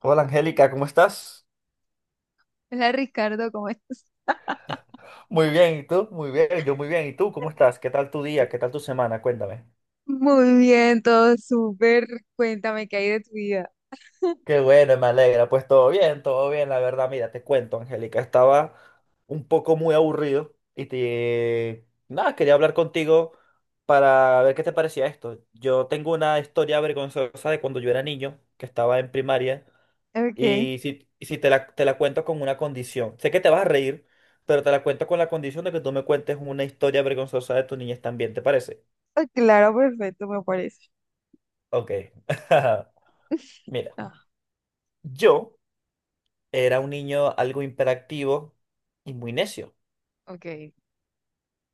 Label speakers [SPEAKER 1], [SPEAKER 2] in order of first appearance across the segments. [SPEAKER 1] Hola Angélica, ¿cómo estás?
[SPEAKER 2] Hola Ricardo, ¿cómo estás?
[SPEAKER 1] Muy bien, ¿y tú? Muy bien, yo muy bien. ¿Y tú cómo estás? ¿Qué tal tu día? ¿Qué tal tu semana? Cuéntame.
[SPEAKER 2] Muy bien, todo súper. Cuéntame qué hay de tu vida.
[SPEAKER 1] Qué bueno, me alegra. Pues todo bien, la verdad. Mira, te cuento, Angélica, estaba un poco muy aburrido Nada, quería hablar contigo para ver qué te parecía esto. Yo tengo una historia vergonzosa de cuando yo era niño, que estaba en primaria.
[SPEAKER 2] Okay.
[SPEAKER 1] Y si te la cuento con una condición, sé que te vas a reír, pero te la cuento con la condición de que tú me cuentes una historia vergonzosa de tu niñez también, ¿te parece?
[SPEAKER 2] Ah, claro, perfecto, me parece.
[SPEAKER 1] Ok. Mira,
[SPEAKER 2] Ah,
[SPEAKER 1] yo era un niño algo hiperactivo y muy necio.
[SPEAKER 2] ok.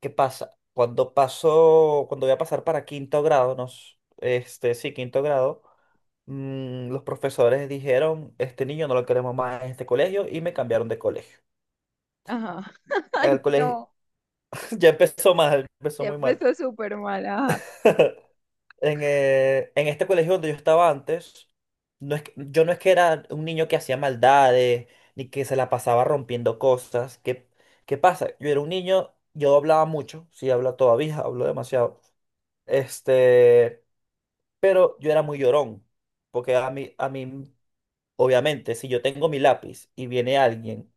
[SPEAKER 1] ¿Qué pasa? Cuando voy a pasar para quinto grado, sí, quinto grado, los profesores dijeron, este niño no lo queremos más en este colegio y me cambiaron de colegio.
[SPEAKER 2] Ajá. Ay,
[SPEAKER 1] El colegio
[SPEAKER 2] no.
[SPEAKER 1] ya empezó mal, empezó
[SPEAKER 2] Ya
[SPEAKER 1] muy mal.
[SPEAKER 2] empezó súper mal. Ajá.
[SPEAKER 1] En este colegio donde yo estaba antes, yo no es que era un niño que hacía maldades, ni que se la pasaba rompiendo cosas. ¿Qué pasa? Yo era un niño, yo hablaba mucho, sí hablo todavía, hablo demasiado. Este, pero yo era muy llorón, porque a mí, obviamente, si yo tengo mi lápiz y viene alguien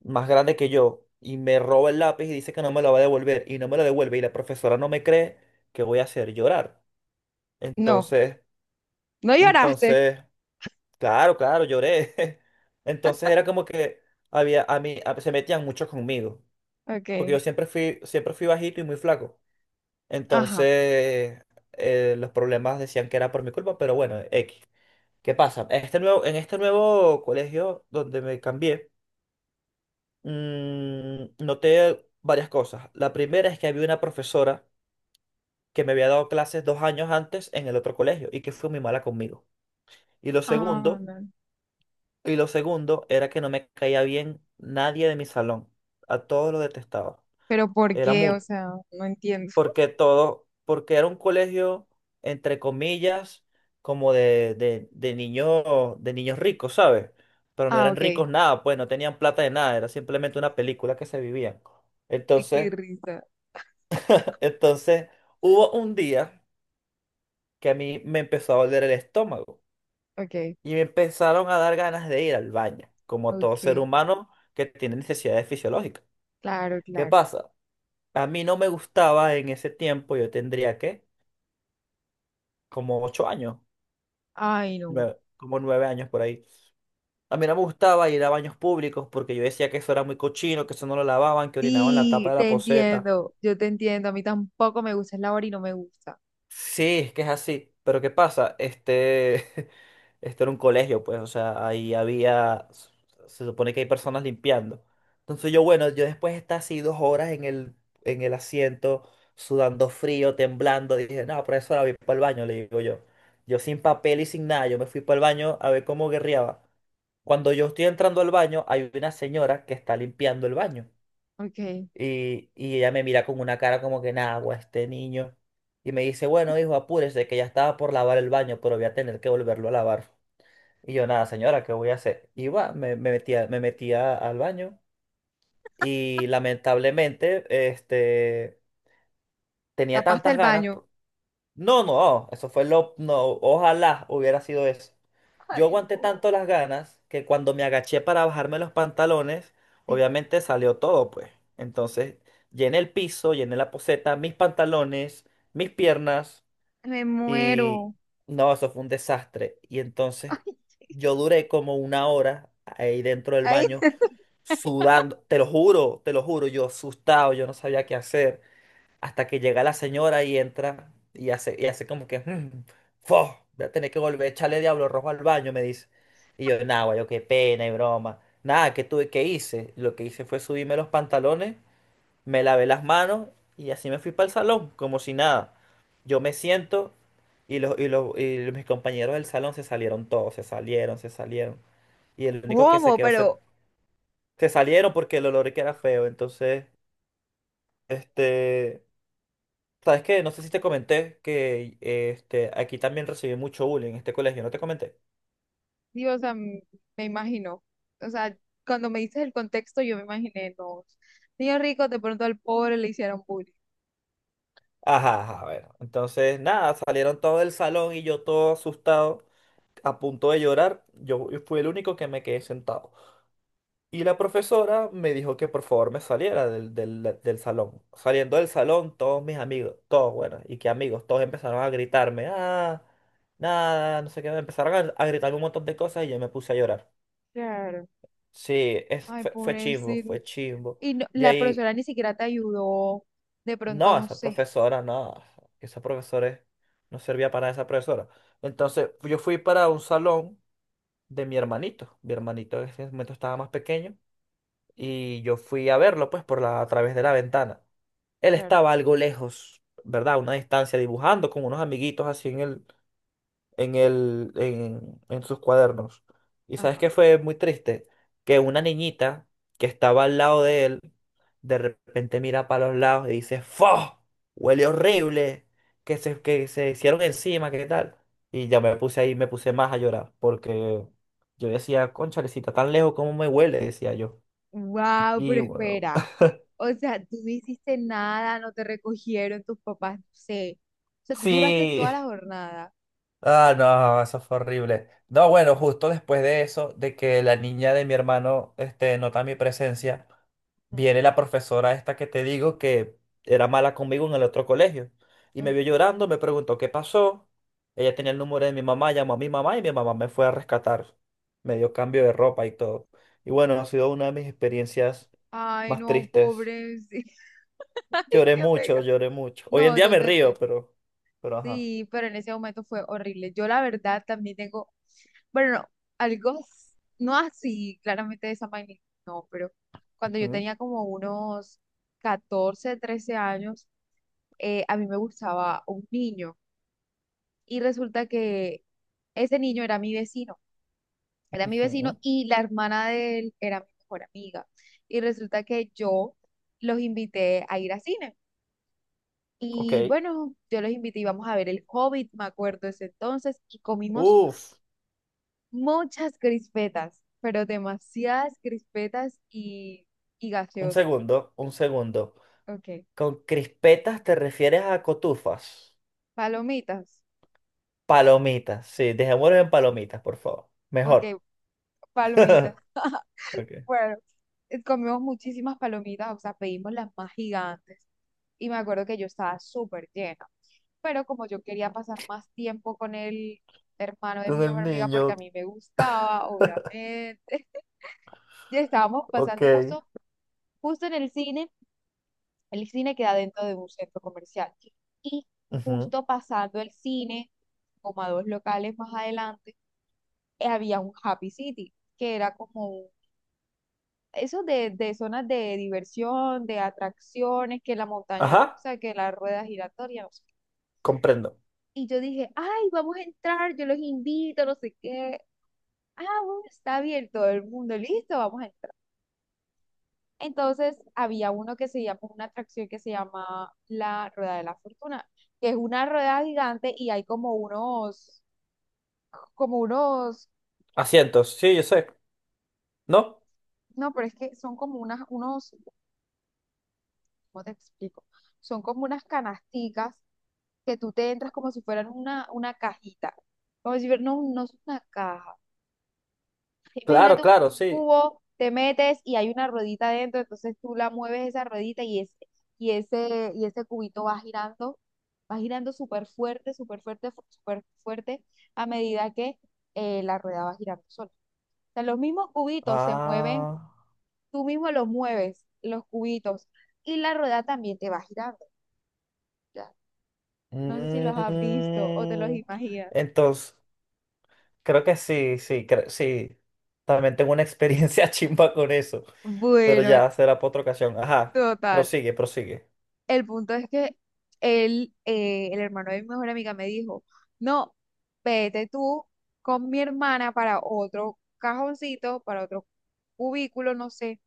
[SPEAKER 1] más grande que yo y me roba el lápiz y dice que no me lo va a devolver y no me lo devuelve y la profesora no me cree, ¿qué voy a hacer? Llorar.
[SPEAKER 2] No,
[SPEAKER 1] Entonces...
[SPEAKER 2] no lloraste.
[SPEAKER 1] Entonces, claro, claro, lloré. Entonces era como que había a mí a- se metían mucho conmigo, porque
[SPEAKER 2] Ok.
[SPEAKER 1] yo siempre fui bajito y muy flaco.
[SPEAKER 2] Ajá.
[SPEAKER 1] Entonces, los problemas decían que era por mi culpa, pero bueno, X. ¿Qué pasa? En este nuevo colegio donde me cambié, noté varias cosas. La primera es que había una profesora que me había dado clases 2 años antes en el otro colegio y que fue muy mala conmigo. Y lo
[SPEAKER 2] Ah,
[SPEAKER 1] segundo
[SPEAKER 2] no.
[SPEAKER 1] Y lo segundo era que no me caía bien nadie de mi salón. A todos lo detestaba.
[SPEAKER 2] Pero ¿por
[SPEAKER 1] Era
[SPEAKER 2] qué?
[SPEAKER 1] mood.
[SPEAKER 2] O sea, no entiendo.
[SPEAKER 1] Porque era un colegio, entre comillas, como de niños ricos, ¿sabes? Pero no
[SPEAKER 2] Ah,
[SPEAKER 1] eran
[SPEAKER 2] ok.
[SPEAKER 1] ricos
[SPEAKER 2] Ay,
[SPEAKER 1] nada, pues no tenían plata de nada, era simplemente una película que se vivían.
[SPEAKER 2] qué
[SPEAKER 1] Entonces,
[SPEAKER 2] risa.
[SPEAKER 1] entonces hubo un día que a mí me empezó a doler el estómago
[SPEAKER 2] Ok,
[SPEAKER 1] y me empezaron a dar ganas de ir al baño, como todo ser
[SPEAKER 2] ok.
[SPEAKER 1] humano que tiene necesidades fisiológicas.
[SPEAKER 2] Claro,
[SPEAKER 1] ¿Qué
[SPEAKER 2] claro.
[SPEAKER 1] pasa? A mí no me gustaba en ese tiempo, yo tendría que, como 8 años,
[SPEAKER 2] Ay, no.
[SPEAKER 1] como 9 años por ahí. A mí no me gustaba ir a baños públicos porque yo decía que eso era muy cochino, que eso no lo lavaban, que orinaban la tapa
[SPEAKER 2] Sí,
[SPEAKER 1] de la
[SPEAKER 2] te
[SPEAKER 1] poceta.
[SPEAKER 2] entiendo. Yo te entiendo. A mí tampoco me gusta el labor y no me gusta.
[SPEAKER 1] Sí, es que es así. Pero ¿qué pasa? Este era un colegio, pues, o sea, se supone que hay personas limpiando. Entonces yo, bueno, yo después de estar así 2 horas en el asiento, sudando frío, temblando, dije, no, profesora, voy para el baño, le digo yo. Yo sin papel y sin nada, yo me fui para el baño a ver cómo guerreaba. Cuando yo estoy entrando al baño, hay una señora que está limpiando el baño.
[SPEAKER 2] Ok.
[SPEAKER 1] Y ella me mira con una cara como que nada, güey, este niño. Y me dice, bueno, hijo, apúrese, que ya estaba por lavar el baño, pero voy a tener que volverlo a lavar. Y yo, nada, señora, ¿qué voy a hacer? Y va, me metía al baño. Y lamentablemente, este, tenía
[SPEAKER 2] Tapaste el
[SPEAKER 1] tantas ganas.
[SPEAKER 2] baño.
[SPEAKER 1] No, no, eso fue lo... No, ojalá hubiera sido eso. Yo
[SPEAKER 2] Ay,
[SPEAKER 1] aguanté tanto
[SPEAKER 2] no.
[SPEAKER 1] las ganas que cuando me agaché para bajarme los pantalones,
[SPEAKER 2] Te-
[SPEAKER 1] obviamente salió todo, pues. Entonces, llené el piso, llené la poceta, mis pantalones, mis piernas
[SPEAKER 2] Me
[SPEAKER 1] y
[SPEAKER 2] muero.
[SPEAKER 1] no, eso fue un desastre. Y entonces yo duré como 1 hora ahí dentro del
[SPEAKER 2] Ay,
[SPEAKER 1] baño
[SPEAKER 2] ay.
[SPEAKER 1] sudando, te lo juro, yo asustado, yo no sabía qué hacer hasta que llega la señora y entra y hace como que, "Mm, fo, voy a tener que volver a echarle diablo rojo al baño, me dice. Y yo, nada, guayo, qué pena y broma. Nada, ¿qué tuve que hice? Lo que hice fue subirme los pantalones, me lavé las manos y así me fui para el salón, como si nada. Yo me siento y mis compañeros del salón se salieron todos, se salieron, se salieron. Y el único que se
[SPEAKER 2] ¿Cómo?
[SPEAKER 1] quedó,
[SPEAKER 2] Pero,
[SPEAKER 1] se salieron porque el olor que era feo. Entonces, este... sabes que no sé si te comenté que este, aquí también recibí mucho bullying en este colegio, ¿no te comenté?
[SPEAKER 2] Dios, o sea, me imagino. O sea, cuando me dices el contexto, yo me imaginé, no. Niño rico, de pronto al pobre le hicieron bullying.
[SPEAKER 1] Ajá, ajá, bueno. Entonces, nada, salieron todo del salón y yo todo asustado, a punto de llorar. Yo fui el único que me quedé sentado. Y la profesora me dijo que por favor me saliera del salón. Saliendo del salón, todos mis amigos, todos, bueno, y qué amigos, todos empezaron a gritarme, ah, nada, no sé qué, empezaron a gritarme un montón de cosas y yo me puse a llorar.
[SPEAKER 2] Claro.
[SPEAKER 1] Sí, es,
[SPEAKER 2] Ay,
[SPEAKER 1] fue, fue chimbo,
[SPEAKER 2] pobrecito.
[SPEAKER 1] fue chimbo.
[SPEAKER 2] Y no-
[SPEAKER 1] De
[SPEAKER 2] la
[SPEAKER 1] ahí,
[SPEAKER 2] profesora ni siquiera te ayudó. De pronto,
[SPEAKER 1] no,
[SPEAKER 2] no
[SPEAKER 1] esa
[SPEAKER 2] sé.
[SPEAKER 1] profesora, no, esa profesora no servía para esa profesora. Entonces, yo fui para un salón de mi hermanito. Mi hermanito en ese momento estaba más pequeño y yo fui a verlo, pues, por la, a través de la ventana. Él
[SPEAKER 2] Claro.
[SPEAKER 1] estaba algo lejos, ¿verdad? A una distancia, dibujando con unos amiguitos así en el, en sus cuadernos. ¿Y sabes
[SPEAKER 2] Ajá.
[SPEAKER 1] qué fue muy triste? Que una niñita que estaba al lado de él, de repente mira para los lados y dice, ¡Fo! Huele horrible, que se hicieron encima, ¿qué tal? Y ya me puse ahí, me puse más a llorar, porque yo decía, conchalecita, tan lejos como me huele, decía yo.
[SPEAKER 2] Wow,
[SPEAKER 1] Y
[SPEAKER 2] pero
[SPEAKER 1] bueno,
[SPEAKER 2] espera. O sea, tú no hiciste nada, no te recogieron tus papás, no sé. O sea, tú duraste
[SPEAKER 1] sí,
[SPEAKER 2] toda la jornada.
[SPEAKER 1] Ah, no, eso fue horrible. No, bueno, justo después de eso, de que la niña de mi hermano, este, nota mi presencia,
[SPEAKER 2] Mm,
[SPEAKER 1] viene la profesora esta que te digo que era mala conmigo en el otro colegio. Y me
[SPEAKER 2] ok.
[SPEAKER 1] vio llorando, me preguntó qué pasó. Ella tenía el número de mi mamá, llamó a mi mamá y mi mamá me fue a rescatar. Me dio cambio de ropa y todo. Y bueno, ha sido una de mis experiencias
[SPEAKER 2] Ay,
[SPEAKER 1] más
[SPEAKER 2] no,
[SPEAKER 1] tristes.
[SPEAKER 2] pobre. Sí. Ay,
[SPEAKER 1] Lloré
[SPEAKER 2] qué
[SPEAKER 1] mucho,
[SPEAKER 2] pega.
[SPEAKER 1] lloré mucho. Hoy en
[SPEAKER 2] No,
[SPEAKER 1] día
[SPEAKER 2] yo
[SPEAKER 1] me
[SPEAKER 2] te
[SPEAKER 1] río,
[SPEAKER 2] entiendo.
[SPEAKER 1] pero ajá.
[SPEAKER 2] Sí, pero en ese momento fue horrible. Yo la verdad también tengo, bueno, no, algo, no así, claramente de esa magnitud, no, pero cuando yo
[SPEAKER 1] Ujú,
[SPEAKER 2] tenía como unos 14, 13 años, a mí me gustaba un niño. Y resulta que ese niño era mi vecino
[SPEAKER 1] ujú.
[SPEAKER 2] y la hermana de él era mi mejor amiga. Y resulta que yo los invité a ir a cine.
[SPEAKER 1] Ok.
[SPEAKER 2] Y bueno, yo los invité y vamos a ver El Hobbit, me acuerdo ese entonces, y comimos
[SPEAKER 1] Uf.
[SPEAKER 2] muchas crispetas, pero demasiadas crispetas y
[SPEAKER 1] Un
[SPEAKER 2] gaseosas.
[SPEAKER 1] segundo, un segundo.
[SPEAKER 2] Ok,
[SPEAKER 1] Con crispetas te refieres a cotufas.
[SPEAKER 2] palomitas,
[SPEAKER 1] Palomitas, sí, dejémoslo en palomitas, por favor. Mejor.
[SPEAKER 2] ok, palomitas.
[SPEAKER 1] Ok.
[SPEAKER 2] Bueno, comimos muchísimas palomitas, o sea, pedimos las más gigantes. Y me acuerdo que yo estaba súper llena. Pero como yo quería pasar más tiempo con el hermano de mi
[SPEAKER 1] Con el
[SPEAKER 2] mejor amiga, porque
[SPEAKER 1] niño,
[SPEAKER 2] a mí me gustaba, obviamente, ya estábamos
[SPEAKER 1] ok.
[SPEAKER 2] pasando justo, justo en el cine. El cine queda dentro de un centro comercial. Y
[SPEAKER 1] Ujú.
[SPEAKER 2] justo pasando el cine, como a dos locales más adelante, había un Happy City, que era como eso de zonas de diversión, de atracciones, que la montaña
[SPEAKER 1] Ajá,
[SPEAKER 2] rusa, que la rueda giratoria, no sé qué.
[SPEAKER 1] comprendo.
[SPEAKER 2] Y yo dije, ay, vamos a entrar, yo los invito, no sé qué. Ah, bueno, está bien, todo el mundo, listo, vamos a entrar. Entonces, había uno que se llama, una atracción que se llama la Rueda de la Fortuna, que es una rueda gigante y hay como unos,
[SPEAKER 1] Asientos, sí, yo sé. ¿No?
[SPEAKER 2] no, pero es que son como unas, unos, ¿cómo te explico? Son como unas canasticas que tú te entras como si fueran una cajita. Como si fuera, no, no es una caja.
[SPEAKER 1] Claro,
[SPEAKER 2] Imagínate un
[SPEAKER 1] claro, sí.
[SPEAKER 2] cubo, te metes y hay una ruedita dentro, entonces tú la mueves esa ruedita y y ese cubito va girando súper fuerte, súper fuerte, súper fuerte, a medida que la rueda va girando sola. O sea, los mismos cubitos se mueven,
[SPEAKER 1] Ah.
[SPEAKER 2] tú mismo los mueves, los cubitos, y la rueda también te va girando. Ya. No sé si los has visto o te los
[SPEAKER 1] mm,
[SPEAKER 2] imaginas.
[SPEAKER 1] entonces, creo que sí, sí, sí. También tengo una experiencia chimba con eso, pero
[SPEAKER 2] Bueno,
[SPEAKER 1] ya será por otra ocasión. Ajá,
[SPEAKER 2] total.
[SPEAKER 1] prosigue, prosigue.
[SPEAKER 2] El punto es que él, el hermano de mi mejor amiga me dijo, no, vete tú con mi hermana para otro cajoncito, para otro cubículo, no sé,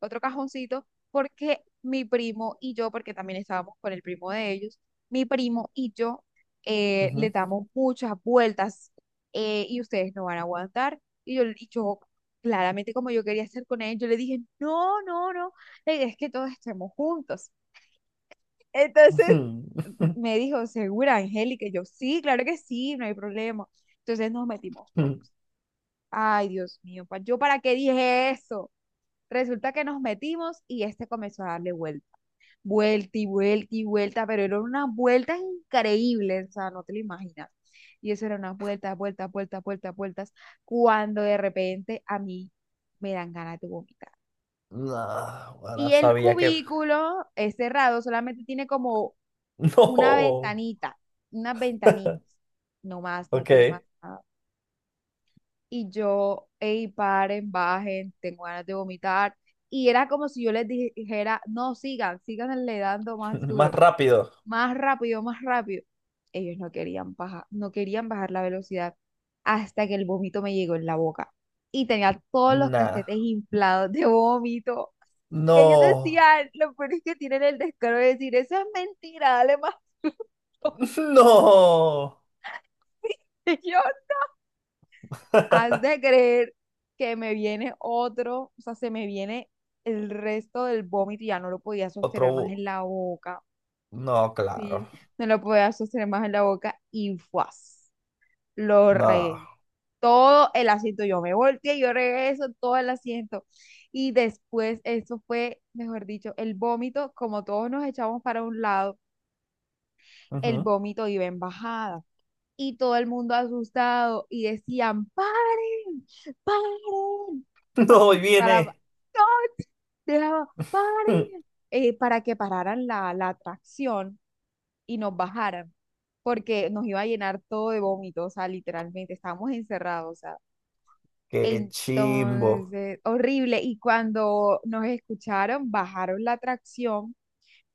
[SPEAKER 2] otro cajoncito, porque mi primo y yo, porque también estábamos con el primo de ellos, mi primo y yo le
[SPEAKER 1] Ujú.
[SPEAKER 2] damos muchas vueltas, y ustedes no van a aguantar. Y yo claramente como yo quería hacer con él, yo le dije, no, no, no, la idea es que todos estemos juntos. Entonces me dijo, ¿segura, Angélica? Y yo, sí, claro que sí, no hay problema. Entonces nos metimos todos. Ay, Dios mío, ¿yo para qué dije eso? Resulta que nos metimos y este comenzó a darle vuelta, vuelta y vuelta y vuelta, pero eran unas vueltas increíbles, o sea, no te lo imaginas. Y eso era unas vueltas, vueltas, vueltas, vueltas, vueltas, cuando de repente a mí me dan ganas de vomitar.
[SPEAKER 1] No,
[SPEAKER 2] Y
[SPEAKER 1] ahora
[SPEAKER 2] el
[SPEAKER 1] sabía que...
[SPEAKER 2] cubículo es cerrado, solamente tiene como una
[SPEAKER 1] No.
[SPEAKER 2] ventanita, unas ventanitas, no más, no
[SPEAKER 1] Ok.
[SPEAKER 2] tiene más nada. Y yo, hey, paren, bajen, tengo ganas de vomitar. Y era como si yo les dijera, no, sigan, sigan le dando más
[SPEAKER 1] Más
[SPEAKER 2] duro,
[SPEAKER 1] rápido.
[SPEAKER 2] más rápido, más rápido. Ellos no querían bajar, no querían bajar la velocidad hasta que el vómito me llegó en la boca. Y tenía todos los
[SPEAKER 1] Nah.
[SPEAKER 2] cachetes inflados de vómito. Y ellos
[SPEAKER 1] No.
[SPEAKER 2] decían, lo peor es que tienen el descaro de decir, eso es mentira, dale más duro.
[SPEAKER 1] No.
[SPEAKER 2] Señor, has de creer que me viene otro, o sea, se me viene el resto del vómito, y ya no lo podía
[SPEAKER 1] Otro...
[SPEAKER 2] sostener más
[SPEAKER 1] bu-
[SPEAKER 2] en la boca,
[SPEAKER 1] No, claro.
[SPEAKER 2] sí, no lo podía sostener más en la boca y ¡fuas! Lo
[SPEAKER 1] No.
[SPEAKER 2] regué. Todo el asiento, yo me volteé, yo regué eso todo el asiento. Y después, eso fue, mejor dicho, el vómito, como todos nos echamos para un lado, el
[SPEAKER 1] Ujú.
[SPEAKER 2] vómito iba en bajada. Y todo el mundo asustado y decían, paren, paren, pa-
[SPEAKER 1] No, ahí
[SPEAKER 2] para, no,
[SPEAKER 1] viene.
[SPEAKER 2] dejaba, paren, para que pararan la, la atracción y nos bajaran, porque nos iba a llenar todo de vómito, o sea, literalmente, estábamos encerrados, o sea,
[SPEAKER 1] Qué chimbo.
[SPEAKER 2] entonces, horrible, y cuando nos escucharon, bajaron la atracción,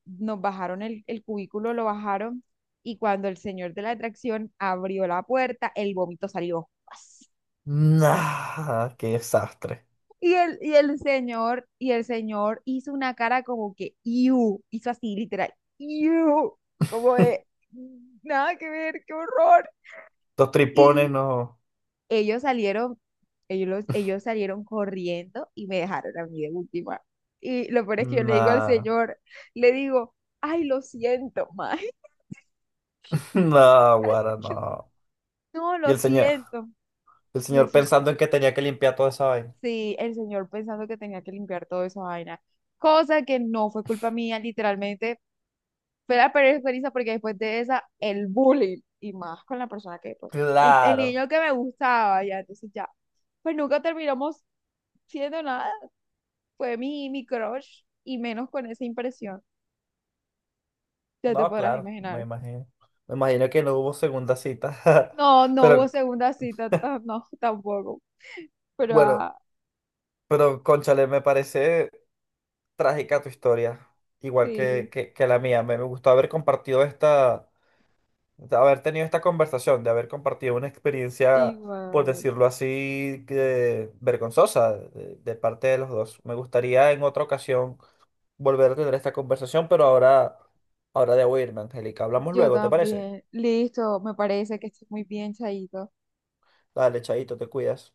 [SPEAKER 2] nos bajaron el cubículo, lo bajaron y cuando el señor de la atracción abrió la puerta, el vómito salió.
[SPEAKER 1] Nah. Qué desastre.
[SPEAKER 2] Y el señor hizo una cara como que, "Iu", hizo así, literal, "Iu", como de, nada que ver, qué horror.
[SPEAKER 1] Dos tripones,
[SPEAKER 2] Y
[SPEAKER 1] no.
[SPEAKER 2] ellos salieron, ellos salieron corriendo y me dejaron a mí de última. Y lo peor es que yo le digo al
[SPEAKER 1] Nah.
[SPEAKER 2] señor, le digo, ay, lo siento, maestro.
[SPEAKER 1] No, guara, no.
[SPEAKER 2] No,
[SPEAKER 1] Y
[SPEAKER 2] lo
[SPEAKER 1] el señor.
[SPEAKER 2] siento.
[SPEAKER 1] El
[SPEAKER 2] Y el
[SPEAKER 1] señor
[SPEAKER 2] señor,
[SPEAKER 1] pensando en que tenía que limpiar toda esa vaina.
[SPEAKER 2] sí, el señor pensando que tenía que limpiar toda esa vaina, cosa que no fue culpa mía, literalmente fue la peor experiencia porque después de esa, el bullying, y más con la persona que, pues, el
[SPEAKER 1] Claro,
[SPEAKER 2] niño que me gustaba, ya, entonces ya, pues nunca terminamos siendo nada, fue mi crush, y menos con esa impresión, ya te
[SPEAKER 1] no,
[SPEAKER 2] podrás
[SPEAKER 1] claro, me
[SPEAKER 2] imaginar.
[SPEAKER 1] imagino. Me imagino que no hubo segunda cita.
[SPEAKER 2] No, no hubo
[SPEAKER 1] Pero
[SPEAKER 2] segunda cita, no, tampoco, pero
[SPEAKER 1] bueno,
[SPEAKER 2] ah,
[SPEAKER 1] pero cónchale, me parece trágica tu historia, igual
[SPEAKER 2] sí,
[SPEAKER 1] que la mía. Me gustó haber compartido esta, de haber tenido esta conversación, de haber compartido una experiencia, por
[SPEAKER 2] igual.
[SPEAKER 1] decirlo así, que, vergonzosa de parte de los dos. Me gustaría en otra ocasión volver a tener esta conversación, pero ahora, ahora debo irme, Angélica. Hablamos
[SPEAKER 2] Yo
[SPEAKER 1] luego, ¿te parece?
[SPEAKER 2] también. Listo, me parece que estoy muy bien, Chaito.
[SPEAKER 1] Dale, chaito, te cuidas.